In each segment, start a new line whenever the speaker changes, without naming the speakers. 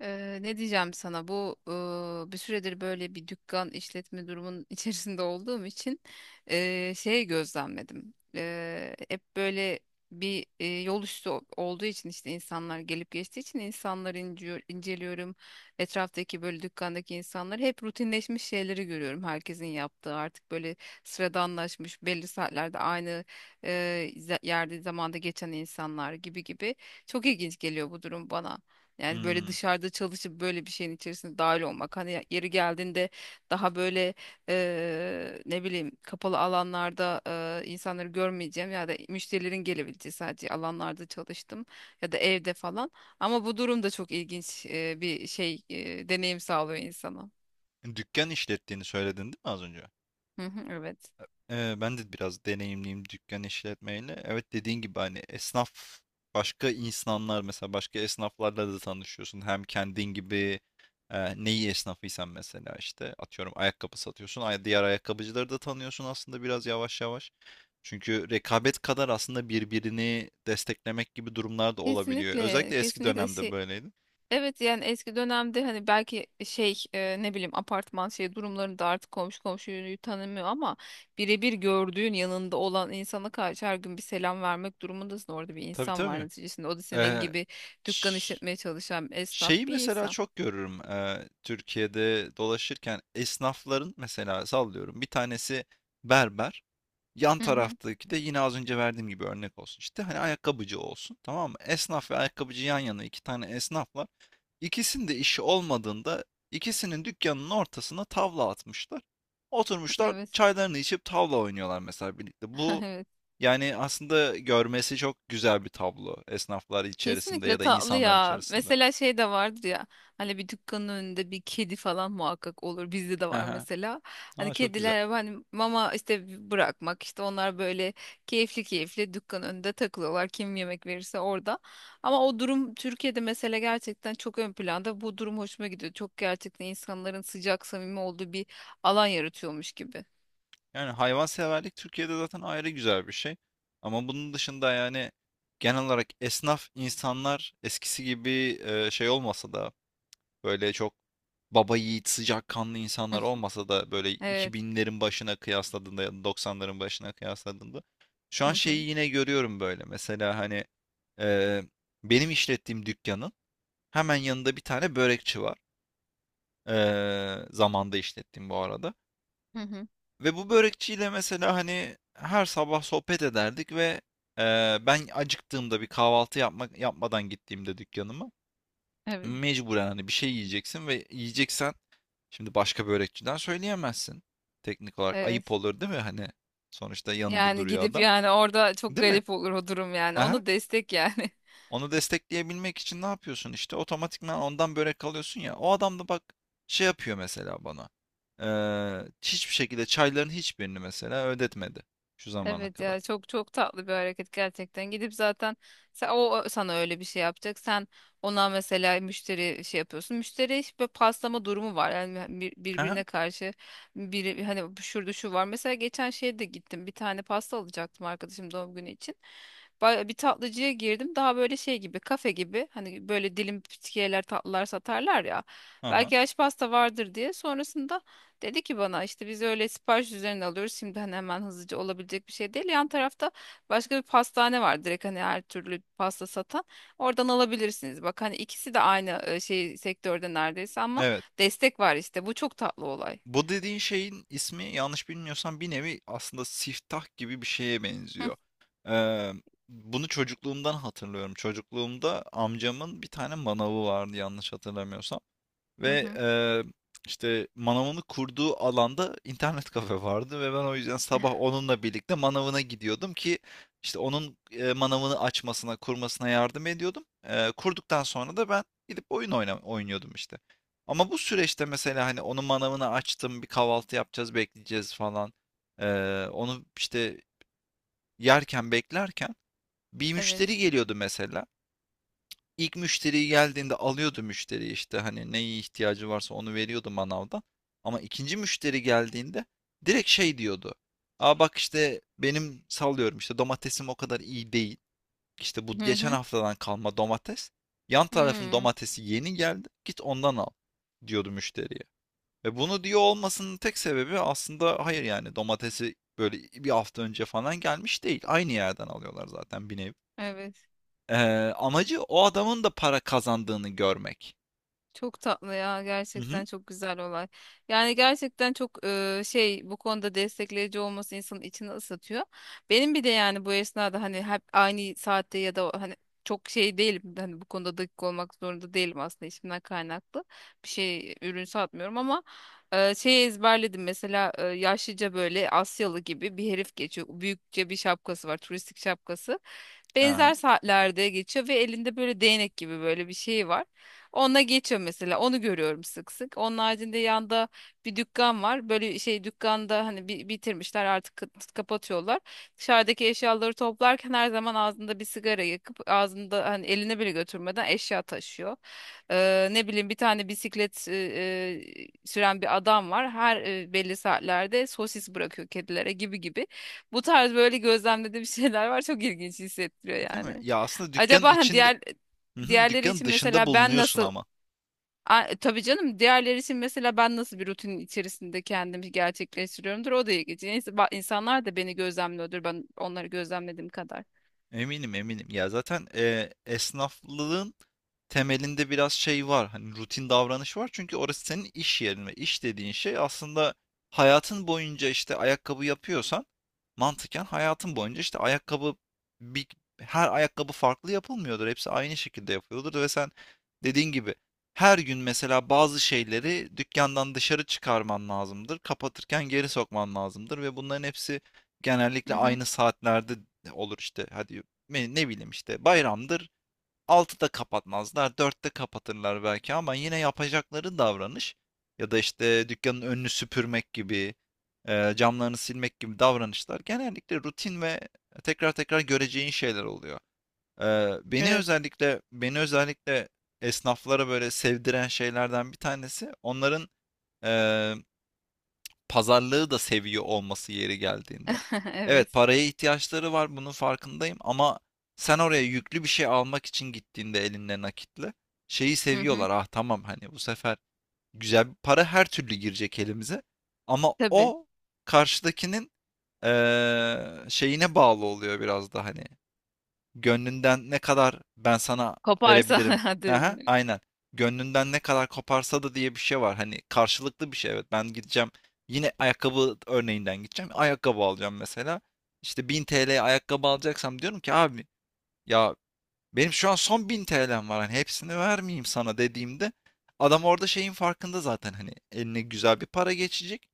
Ne diyeceğim sana bu bir süredir böyle bir dükkan işletme durumunun içerisinde olduğum için şey gözlemledim. Hep böyle bir yol üstü olduğu için işte insanlar gelip geçtiği için insanları inceliyorum. Etraftaki böyle dükkandaki insanlar hep rutinleşmiş şeyleri görüyorum. Herkesin yaptığı artık böyle sıradanlaşmış belli saatlerde aynı e, yerde zamanda geçen insanlar gibi gibi. Çok ilginç geliyor bu durum bana. Yani böyle
Hmm.
dışarıda çalışıp böyle bir şeyin içerisinde dahil olmak. Hani yeri geldiğinde daha böyle ne bileyim kapalı alanlarda insanları görmeyeceğim ya da müşterilerin gelebileceği sadece alanlarda çalıştım ya da evde falan. Ama bu durum da çok ilginç bir şey deneyim sağlıyor insana.
Dükkan işlettiğini söyledin değil mi az önce?
Hı hı, evet.
Ben de biraz deneyimliyim dükkan işletmeyle. Evet, dediğin gibi, hani, esnaf başka insanlar, mesela başka esnaflarla da tanışıyorsun. Hem kendin gibi, neyi esnafıysan mesela, işte, atıyorum ayakkabı satıyorsun, ay diğer ayakkabıcıları da tanıyorsun aslında biraz yavaş yavaş. Çünkü rekabet kadar aslında birbirini desteklemek gibi durumlar da olabiliyor.
Kesinlikle,
Özellikle eski
kesinlikle
dönemde
şey,
böyleydi.
evet yani eski dönemde hani belki şey ne bileyim apartman şey durumlarında artık komşu komşuyu tanımıyor ama birebir gördüğün yanında olan insana karşı her gün bir selam vermek durumundasın. Orada bir
Tabii,
insan var
tabii.
neticesinde. O da senin
Eee,
gibi dükkan
ş
işletmeye çalışan esnaf
Şeyi
bir
mesela
insan.
çok görürüm, Türkiye'de dolaşırken esnafların, mesela sallıyorum, bir tanesi berber, yan
Hı hı,
taraftaki de yine az önce verdiğim gibi örnek olsun, işte hani ayakkabıcı olsun, tamam mı? Esnaf ve ayakkabıcı yan yana, iki tane esnaf var. İkisinin de işi olmadığında ikisinin dükkanının ortasına tavla atmışlar. Oturmuşlar
evet.
çaylarını içip tavla oynuyorlar mesela birlikte. Bu,
Evet.
yani aslında görmesi çok güzel bir tablo esnaflar içerisinde
Kesinlikle
ya da
tatlı
insanlar
ya.
içerisinde.
Mesela şey de vardır ya. Hani bir dükkanın önünde bir kedi falan muhakkak olur. Bizde de var mesela. Hani
Aa, çok güzel.
kediler hani mama işte bırakmak işte onlar böyle keyifli keyifli dükkanın önünde takılıyorlar. Kim yemek verirse orada. Ama o durum Türkiye'de mesela gerçekten çok ön planda. Bu durum hoşuma gidiyor. Çok gerçekten insanların sıcak samimi olduğu bir alan yaratıyormuş gibi.
Yani hayvanseverlik Türkiye'de zaten ayrı güzel bir şey. Ama bunun dışında, yani genel olarak esnaf insanlar eskisi gibi şey olmasa da, böyle çok baba yiğit sıcakkanlı insanlar
Hı,
olmasa da, böyle
evet.
2000'lerin başına kıyasladığında ya da 90'ların başına kıyasladığında şu
Hı
an
hı.
şeyi yine görüyorum böyle. Mesela hani, e, benim işlettiğim dükkanın hemen yanında bir tane börekçi var. E, Zamanda işlettiğim bu arada.
Hı hı.
Ve bu börekçiyle mesela hani her sabah sohbet ederdik ve ben acıktığımda bir kahvaltı yapmadan gittiğimde dükkanıma,
Evet.
mecburen hani bir şey yiyeceksin ve yiyeceksen şimdi başka börekçiden söyleyemezsin. Teknik olarak ayıp
Evet.
olur değil mi? Hani sonuçta yanında
Yani
duruyor
gidip
adam.
yani orada çok
Değil mi?
garip olur o durum yani.
Aha.
Onu destek yani.
Onu destekleyebilmek için ne yapıyorsun işte? Otomatikman ondan börek alıyorsun ya. O adam da bak şey yapıyor mesela bana. Hiçbir şekilde çayların hiçbirini mesela ödetmedi şu zamana
Evet
kadar.
ya çok çok tatlı bir hareket gerçekten. Gidip zaten sen, o sana öyle bir şey yapacak. Sen ona mesela müşteri şey yapıyorsun. Müşteri işte paslama durumu var. Yani
Hı hı,
birbirine karşı biri hani şurada şu var. Mesela geçen şeye de gittim. Bir tane pasta alacaktım arkadaşım doğum günü için. Bir tatlıcıya girdim. Daha böyle şey gibi, kafe gibi. Hani böyle dilim pütkiyeler, tatlılar satarlar ya. Belki yaş pasta vardır diye. Sonrasında dedi ki bana işte biz öyle sipariş üzerine alıyoruz. Şimdi hani hemen hızlıca olabilecek bir şey değil. Yan tarafta başka bir pastane var. Direkt hani her türlü pasta satan. Oradan alabilirsiniz. Bak hani ikisi de aynı şey sektörde neredeyse ama
evet.
destek var işte. Bu çok tatlı olay.
Bu dediğin şeyin ismi, yanlış bilmiyorsam, bir nevi aslında siftah gibi bir şeye
Hı
benziyor. Ee, bunu çocukluğumdan hatırlıyorum. Çocukluğumda amcamın bir tane manavı vardı, yanlış hatırlamıyorsam.
hı,
Ve
hı.
işte manavını kurduğu alanda internet kafe vardı ve ben o yüzden sabah onunla birlikte manavına gidiyordum ki işte onun, manavını açmasına, kurmasına yardım ediyordum. Kurduktan sonra da ben gidip oynuyordum işte. Ama bu süreçte mesela hani onun manavını açtım, bir kahvaltı yapacağız, bekleyeceğiz falan. Onu işte yerken beklerken bir
Evet.
müşteri geliyordu mesela. İlk müşteri geldiğinde alıyordu müşteri, işte hani neye ihtiyacı varsa onu veriyordu manavdan. Ama ikinci müşteri geldiğinde direkt şey diyordu. Aa bak, işte benim sallıyorum işte domatesim o kadar iyi değil. İşte bu
Hı
geçen
hı.
haftadan kalma domates. Yan tarafın
Hı.
domatesi yeni geldi. Git ondan al, diyordu müşteriye. Ve bunu diyor olmasının tek sebebi aslında, hayır yani, domatesi böyle bir hafta önce falan gelmiş değil. Aynı yerden alıyorlar zaten bir nevi.
Evet.
Amacı o adamın da para kazandığını görmek.
Çok tatlı ya
Hı hı.
gerçekten çok güzel olay. Yani gerçekten çok şey bu konuda destekleyici olması insanın içini ısıtıyor. Benim bir de yani bu esnada hani hep aynı saatte ya da hani çok şey değilim. Hani bu konuda dakik olmak zorunda değilim aslında işimden kaynaklı. Bir şey ürün satmıyorum ama şey ezberledim mesela yaşlıca böyle Asyalı gibi bir herif geçiyor. Büyükçe bir şapkası var turistik şapkası
Aha.
benzer saatlerde geçiyor ve elinde böyle değnek gibi böyle bir şey var. Onunla geçiyor mesela. Onu görüyorum sık sık. Onun haricinde yanda bir dükkan var. Böyle şey dükkanda hani bitirmişler artık kapatıyorlar. Dışarıdaki eşyaları toplarken her zaman ağzında bir sigara yakıp ağzında hani eline bile götürmeden eşya taşıyor. Ne bileyim bir tane bisiklet süren bir adam var. Her belli saatlerde sosis bırakıyor kedilere gibi gibi. Bu tarz böyle gözlemlediğim şeyler var. Çok ilginç hissettiriyor
Değil mi?
yani.
Ya, aslında dükkânın
Acaba hani
içinde,
diğer
hı hı,
diğerleri
dükkânın
için
dışında
mesela ben
bulunuyorsun
nasıl
ama.
Tabii canım diğerleri için mesela ben nasıl bir rutinin içerisinde kendimi gerçekleştiriyorumdur o da ilginç. Neyse, insanlar da beni gözlemliyordur ben onları gözlemlediğim kadar.
Eminim, eminim. Ya zaten esnaflığın temelinde biraz şey var. Hani rutin davranış var. Çünkü orası senin iş yerin ve iş dediğin şey aslında hayatın boyunca, işte ayakkabı yapıyorsan mantıken hayatın boyunca işte ayakkabı, bir, her ayakkabı farklı yapılmıyordur. Hepsi aynı şekilde yapıyordur ve sen dediğin gibi her gün mesela bazı şeyleri dükkandan dışarı çıkarman lazımdır. Kapatırken geri sokman lazımdır ve bunların hepsi genellikle
Hı hı.
aynı saatlerde olur işte. Hadi ne bileyim, işte bayramdır 6'da kapatmazlar, 4'te kapatırlar belki ama yine yapacakları davranış, ya da işte dükkanın önünü süpürmek gibi, camlarını silmek gibi davranışlar genellikle rutin ve tekrar tekrar göreceğin şeyler oluyor. E,
Evet.
Beni özellikle esnaflara böyle sevdiren şeylerden bir tanesi onların, e, pazarlığı da seviyor olması yeri geldiğinde. Evet,
Evet.
paraya ihtiyaçları var, bunun farkındayım, ama sen oraya yüklü bir şey almak için gittiğinde elinde nakitle, şeyi
Hı hı.
seviyorlar. Ah tamam, hani bu sefer güzel bir para her türlü girecek elimize, ama
Tabii.
o karşıdakinin şeyine bağlı oluyor biraz da, hani gönlünden ne kadar ben sana
Koparsa
verebilirim.
hadi.
Aha, aynen. Gönlünden ne kadar koparsa da diye bir şey var. Hani karşılıklı bir şey. Evet, ben gideceğim. Yine ayakkabı örneğinden gideceğim. Ayakkabı alacağım mesela. İşte 1000 TL'ye ayakkabı alacaksam diyorum ki, abi ya, benim şu an son 1000 TL'm var. Hani hepsini vermeyeyim sana dediğimde adam orada şeyin farkında zaten, hani eline güzel bir para geçecek.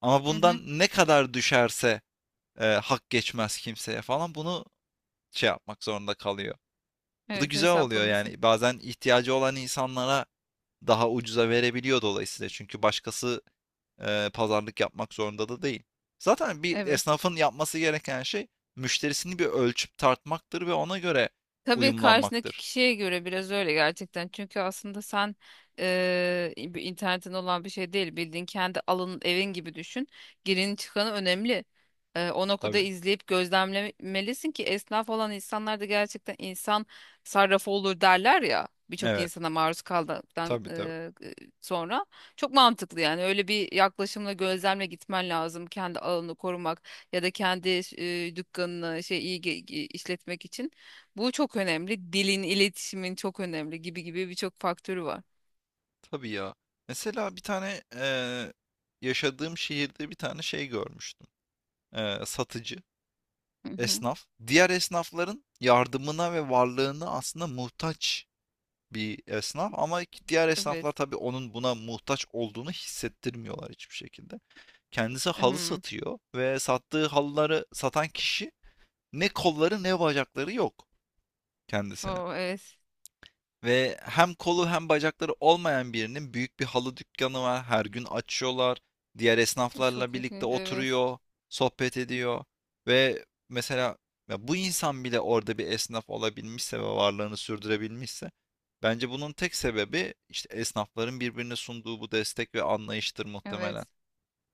Ama
Hı hı.
bundan ne kadar düşerse hak geçmez kimseye falan, bunu şey yapmak zorunda kalıyor. Bu da
Evet
güzel oluyor
hesaplaması.
yani. Bazen ihtiyacı olan insanlara daha ucuza verebiliyor dolayısıyla. Çünkü başkası pazarlık yapmak zorunda da değil. Zaten bir
Evet.
esnafın yapması gereken şey müşterisini bir ölçüp tartmaktır ve ona göre
Tabii karşındaki
uyumlanmaktır.
kişiye göre biraz öyle gerçekten. Çünkü aslında sen bir internetin olan bir şey değil. Bildiğin kendi alanın evin gibi düşün. Girin çıkanı önemli. O noktada
Tabii.
izleyip gözlemlemelisin ki esnaf olan insanlar da gerçekten insan sarrafı olur derler ya. Birçok
Evet.
insana maruz kaldıktan
Tabii, tabii.
sonra. Çok mantıklı yani. Öyle bir yaklaşımla gözlemle gitmen lazım. Kendi alanını korumak ya da kendi dükkanını şey işletmek için. Bu çok önemli. Dilin, iletişimin çok önemli gibi gibi birçok faktörü var.
Tabii ya. Mesela bir tane, yaşadığım şehirde bir tane şey görmüştüm. Satıcı,
Hı hı.
esnaf. Diğer esnafların yardımına ve varlığına aslında muhtaç bir esnaf, ama diğer
Evet.
esnaflar tabii onun buna muhtaç olduğunu hissettirmiyorlar hiçbir şekilde. Kendisi halı
Hmm.
satıyor ve sattığı halıları satan kişi ne kolları ne bacakları yok kendisine.
O evet.
Ve hem kolu hem bacakları olmayan birinin büyük bir halı dükkanı var. Her gün açıyorlar. Diğer esnaflarla
Çok
birlikte
ilginç. Evet.
oturuyor, sohbet ediyor ve mesela, ya bu insan bile orada bir esnaf olabilmişse ve varlığını sürdürebilmişse bence bunun tek sebebi işte esnafların birbirine sunduğu bu destek ve anlayıştır muhtemelen.
Evet.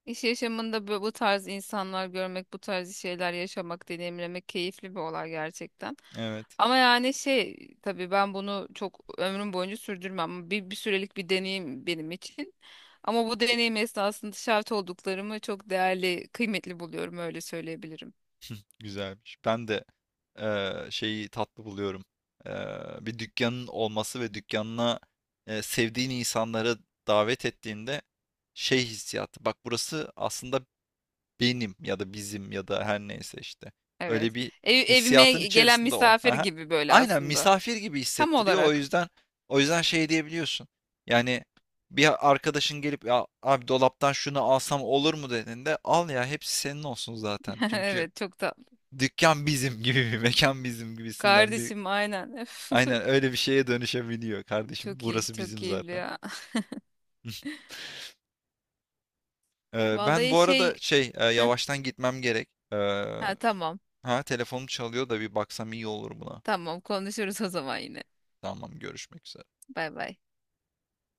İş yaşamında bu tarz insanlar görmek, bu tarz şeyler yaşamak, deneyimlemek keyifli bir olay gerçekten.
Evet.
Ama yani şey tabii ben bunu çok ömrüm boyunca sürdürmem. Bir sürelik bir deneyim benim için. Ama bu deneyim esnasında şahit olduklarımı çok değerli, kıymetli buluyorum öyle söyleyebilirim.
Güzelmiş. Ben de şeyi tatlı buluyorum. Bir dükkanın olması ve dükkanına sevdiğin insanları davet ettiğinde şey hissiyatı. Bak, burası aslında benim, ya da bizim, ya da her neyse işte. Öyle
Evet.
bir
Evime
hissiyatın
gelen
içerisinde o.
misafir
Aha.
gibi böyle
Aynen
aslında.
misafir gibi
Tam
hissettiriyor. O
olarak.
yüzden, o yüzden şey diyebiliyorsun. Yani bir arkadaşın gelip ya abi, dolaptan şunu alsam olur mu dediğinde, al ya, hepsi senin olsun zaten. Çünkü
Evet çok tatlı.
dükkan bizim gibi, bir mekan bizim gibisinden bir,
Kardeşim aynen. Öf.
aynen öyle bir şeye dönüşebiliyor kardeşim.
Çok iyi,
Burası
çok
bizim
keyifli
zaten.
ya.
Ben
Vallahi
bu
şey
arada şey,
heh,
yavaştan gitmem gerek.
ha tamam.
Ha, telefonum çalıyor da bir baksam iyi olur buna.
Tamam konuşuruz o zaman yine.
Tamam, görüşmek üzere.
Bay bay.